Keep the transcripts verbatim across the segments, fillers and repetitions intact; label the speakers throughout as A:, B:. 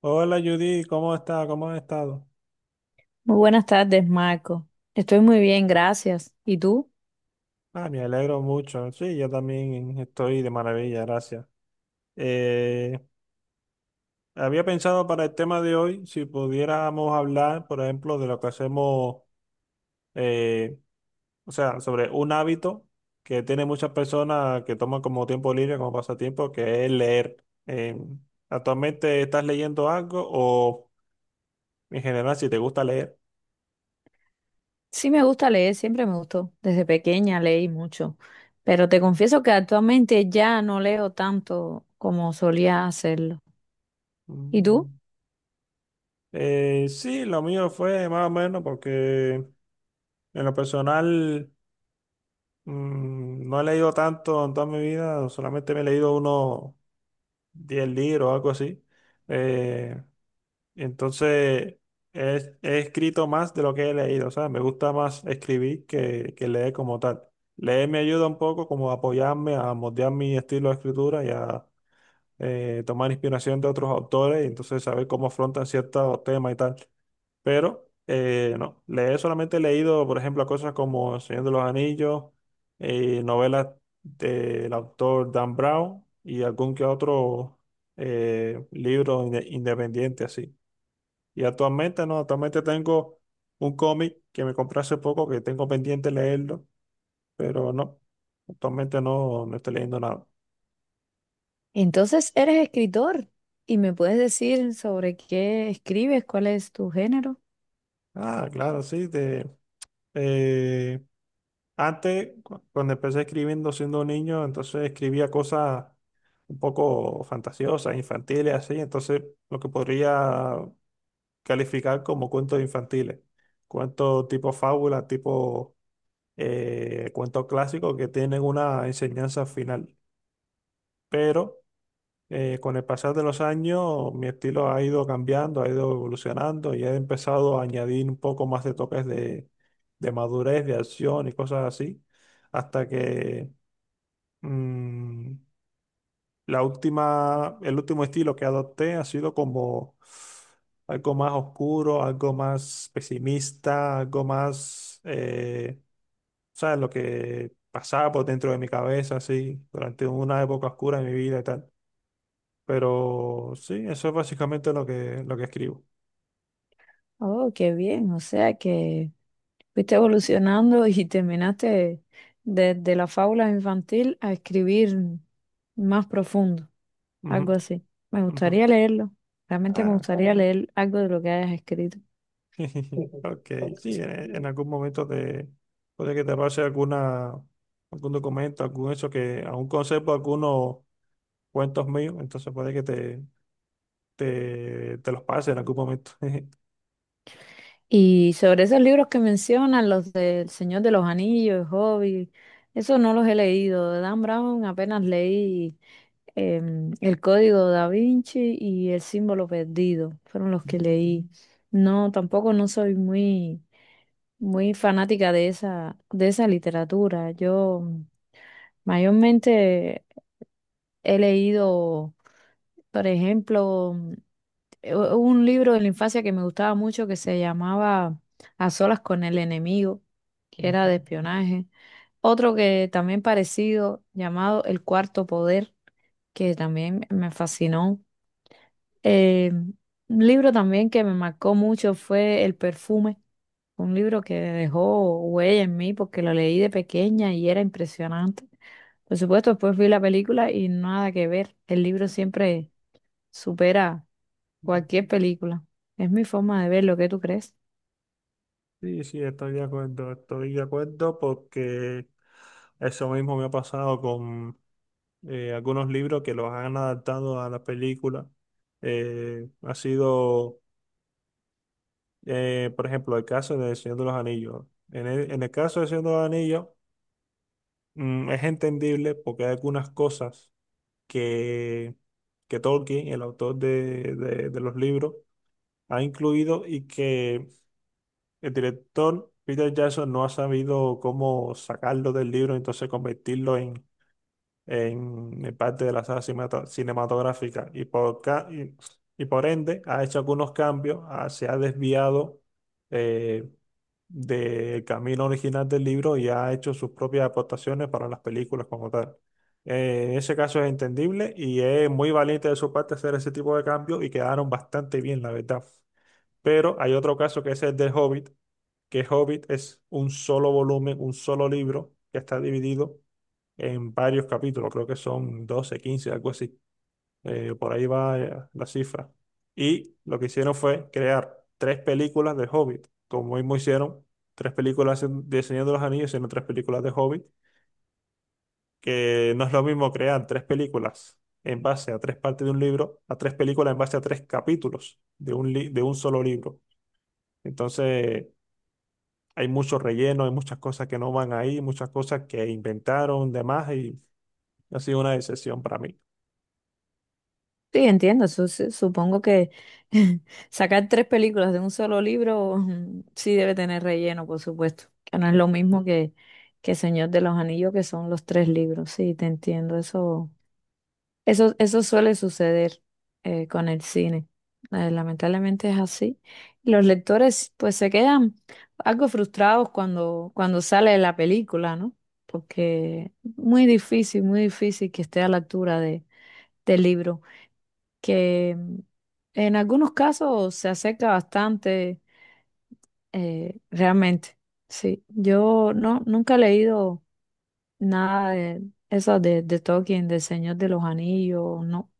A: Hola Judy, ¿cómo está? ¿Cómo has estado?
B: Muy buenas tardes, Marco. Estoy muy bien, gracias. ¿Y tú?
A: Ah, me alegro mucho. Sí, yo también estoy de maravilla, gracias. Eh, Había pensado para el tema de hoy si pudiéramos hablar, por ejemplo, de lo que hacemos, eh, o sea, sobre un hábito que tiene muchas personas que toman como tiempo libre, como pasatiempo, que es leer. Eh, ¿Actualmente estás leyendo algo o en general si te gusta leer?
B: Sí, me gusta leer, siempre me gustó. Desde pequeña leí mucho, pero te confieso que actualmente ya no leo tanto como solía hacerlo. ¿Y tú?
A: Mm. Eh, sí, lo mío fue más o menos porque... En lo personal, mm, no he leído tanto en toda mi vida, solamente me he leído unos diez libros o algo así. Eh, entonces, he, he escrito más de lo que he leído, o sea, me gusta más escribir que, que leer como tal. Leer me ayuda un poco como a apoyarme, a moldear mi estilo de escritura y a eh, tomar inspiración de otros autores y entonces saber cómo afrontan ciertos temas y tal. Pero eh, no, le he solamente leído, por ejemplo, cosas como El Señor de los Anillos, eh, novelas del autor Dan Brown y algún que otro eh, libro inde- independiente así. Y actualmente no, actualmente tengo un cómic que me compré hace poco que tengo pendiente leerlo, pero no, actualmente no, no estoy leyendo nada.
B: Entonces eres escritor y me puedes decir sobre qué escribes, cuál es tu género.
A: Ah, claro, sí, de, eh, Antes, cu- cuando empecé escribiendo siendo un niño, entonces escribía cosas un poco fantasiosas, infantiles, así. Entonces, lo que podría calificar como cuentos infantiles. Cuentos tipo fábula, tipo eh, cuentos clásicos que tienen una enseñanza final. Pero eh, con el pasar de los años, mi estilo ha ido cambiando, ha ido evolucionando y he empezado a añadir un poco más de toques de, de madurez, de acción y cosas así. Hasta que Mm, la última, el último estilo que adopté ha sido como algo más oscuro, algo más pesimista, algo más, eh, ¿sabes? Lo que pasaba por dentro de mi cabeza, así, durante una época oscura de mi vida y tal. Pero sí, eso es básicamente lo que, lo que escribo.
B: Oh, qué bien, o sea que fuiste evolucionando y terminaste desde la fábula infantil a escribir más profundo.
A: Ujú,
B: Algo así. Me
A: ujú.
B: gustaría leerlo, realmente me
A: Ah,
B: gustaría leer algo de lo que hayas escrito.
A: Ok, sí, en, en algún momento te puede que te pase alguna, algún documento, algún hecho que aún conservo algunos cuentos míos, entonces puede que te, te, te los pase en algún momento.
B: Y sobre esos libros que mencionan, los del Señor de los Anillos, el Hobbit, eso no los he leído. De Dan Brown apenas leí em, El Código da Vinci y El Símbolo Perdido, fueron los que leí. No, tampoco no soy muy, muy fanática de esa, de esa literatura. Yo mayormente he leído, por ejemplo, eh, u- un libro de la infancia que me gustaba mucho que se llamaba A solas con el enemigo, que era
A: Ujú,
B: de espionaje. Otro que también parecido, llamado El Cuarto Poder, que también me fascinó. Eh, un libro también que me marcó mucho fue El Perfume, un libro que dejó huella en mí porque lo leí de pequeña y era impresionante. Por supuesto, después vi la película y nada que ver. El libro siempre supera
A: ujú.
B: cualquier película. Es mi forma de ver lo que tú crees.
A: Sí, sí, estoy de acuerdo, estoy de acuerdo porque eso mismo me ha pasado con eh, algunos libros que los han adaptado a la película. Eh, ha sido eh, Por ejemplo, el caso de El Señor de los Anillos. En el, en el caso del Señor de los Anillos, mm, es entendible porque hay algunas cosas que, que Tolkien, el autor de, de- de los libros, ha incluido y que el director Peter Jackson no ha sabido cómo sacarlo del libro, entonces convertirlo en el parte de la saga cinemata- cinematográfica y por, ca- y, y por ende ha hecho algunos cambios, ah, se ha desviado eh, del camino original del libro y ha hecho sus propias aportaciones para las películas como tal. Eh, en ese caso es entendible y es muy valiente de su parte hacer ese tipo de cambios y quedaron bastante bien, la verdad. Pero hay otro caso que es el del Hobbit, que Hobbit es un solo volumen, un solo libro que está dividido en varios capítulos, creo que son doce, quince, algo así. Eh, por ahí va, eh, la cifra. Y lo que hicieron fue crear tres películas de Hobbit, como mismo hicieron tres películas en- de Señor de los Anillos, sino tres películas de Hobbit, que no es lo mismo crear tres películas en base a tres partes de un libro, a tres películas en base a tres capítulos de un, li- de un solo libro. Entonces, hay mucho relleno, hay muchas cosas que no van ahí, muchas cosas que inventaron, demás, y ha sido una decepción para mí.
B: Sí, entiendo. Su- su- supongo que sacar tres películas de un solo libro mm, sí debe tener relleno, por supuesto. Que no es
A: Y,
B: lo mismo que, que Señor de los Anillos, que son los tres libros. Sí, te entiendo. Eso. Eso, eso suele suceder eh, con el cine. Eh, lamentablemente es así. Los lectores pues se quedan algo frustrados cuando, cuando sale la película, ¿no? Porque muy difícil, muy difícil que esté a la altura de, del libro, que mm, en algunos casos se acerca bastante eh, realmente. Sí, yo no, nunca he leído nada de eso de, de Tolkien, del Señor de los Anillos, no.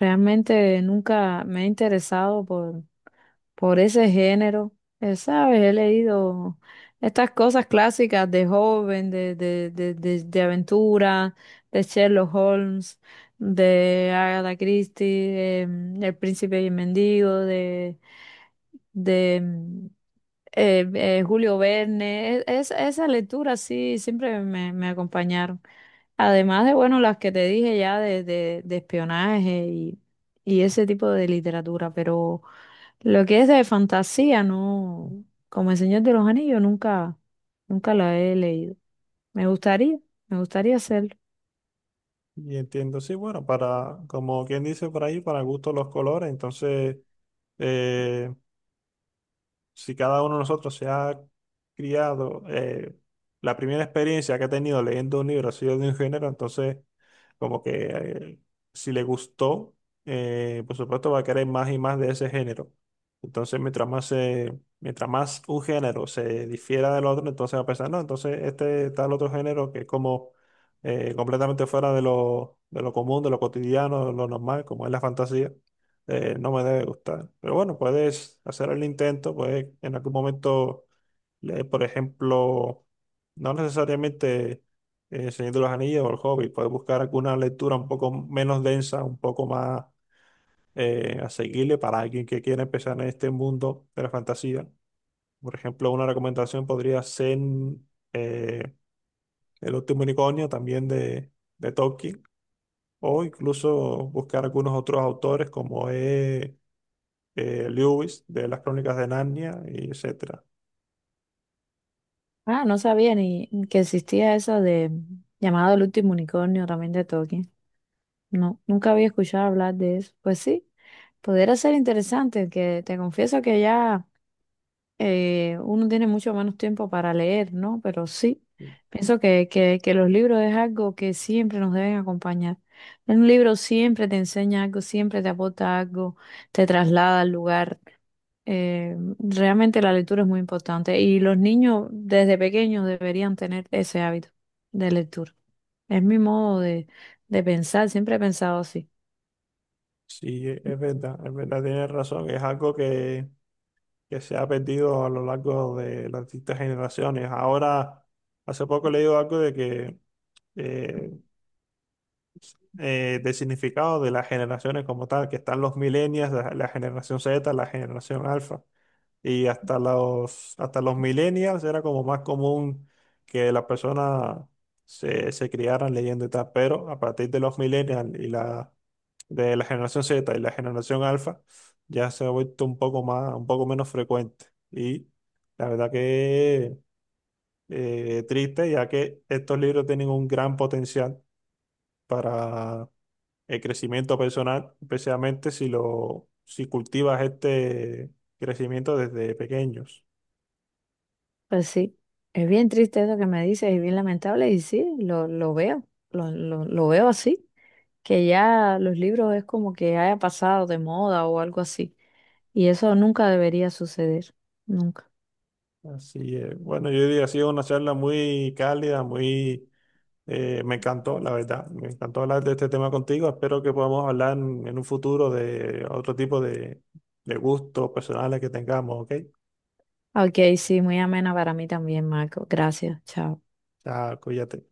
B: Realmente nunca me he interesado por, por ese género. Eh, ¿sabes? He leído estas cosas clásicas de joven, de, de, de, de, de aventura, de Sherlock Holmes, de Agatha Christie, em, El Príncipe y el Mendigo, de, de em, eh, eh, Julio Verne. Es- es- esa lectura sí siempre me, me acompañaron. Además de, bueno, las que te dije ya de, de, de espionaje y, y ese tipo de literatura, pero lo que es de fantasía, no, como El Señor de los Anillos, nunca, nunca la he leído. Me gustaría, me gustaría hacerlo.
A: y entiendo, sí, bueno, para, como quien dice por ahí, para gusto los colores, entonces... eh, si cada uno de nosotros se ha criado, eh, la primera experiencia que ha tenido leyendo un libro ha sido de un género, entonces como que eh, si le gustó, eh, por supuesto va a querer más y más de ese género. Entonces mientras más, se- mientras más un género se difiera del otro, entonces va a pensar, no, entonces este tal otro género que es como eh, completamente fuera de lo, de lo común, de lo cotidiano, de lo normal, como es la fantasía, eh, no me debe gustar. Pero bueno, puedes hacer el intento, puedes en algún momento leer, por ejemplo, no necesariamente eh, El Señor de los Anillos o El Hobbit, puedes buscar alguna lectura un poco menos densa, un poco más eh, asequible para alguien que quiera empezar en este mundo de la fantasía. Por ejemplo, una recomendación podría ser eh, El último unicornio, también de, de Tolkien, o incluso buscar algunos otros autores como es eh, Lewis de las Crónicas de Narnia, y etcétera.
B: Ah, no sabía ni que existía eso de llamado El Último Unicornio también de Tolkien. No, nunca había escuchado hablar de eso. Pues sí, pudiera ser interesante, que te confieso que ya... eh, Uno tiene mucho menos tiempo para leer, ¿no? Pero sí, pienso que, que, que los libros es algo que siempre nos deben acompañar. Un libro siempre te enseña algo, siempre te aporta algo, te traslada al lugar. Eh, realmente la lectura es muy importante y los niños desde pequeños deberían tener ese hábito de lectura. Es mi modo de, de pensar, siempre he pensado así.
A: Sí, e- es verdad, es verdad, tienes razón, es algo que, que se ha perdido a lo largo de las distintas generaciones. Ahora, hace poco he leído algo de que eh, eh, del significado de las generaciones como tal, que están los millennials, la, la generación Z, la generación alfa. Y hasta los, hasta los millennials era como más común que las personas se, se criaran leyendo y tal, pero a partir de los millennials y la, de la generación Z y la generación alfa, ya se ha vuelto un poco más, un poco menos frecuente. Y la verdad que eh, triste, ya que estos libros tienen un gran potencial para el crecimiento personal, especialmente si lo, si cultivas este crecimiento desde pequeños.
B: Pues sí, es bien triste eso que me dices, es bien lamentable y sí, lo, lo veo, lo, lo, lo veo así, que ya los libros es como que haya pasado de moda o algo así, y eso nunca debería suceder, nunca.
A: Así es. Bueno, yo diría, ha sido una charla muy cálida, muy... eh, me encantó, la verdad. Me encantó hablar de este tema contigo. Espero que podamos hablar en, en un futuro de otro tipo de, de gustos personales que tengamos, ¿ok?
B: Ok, sí, muy amena para mí también, Marco. Gracias, chao.
A: Chao, cuídate.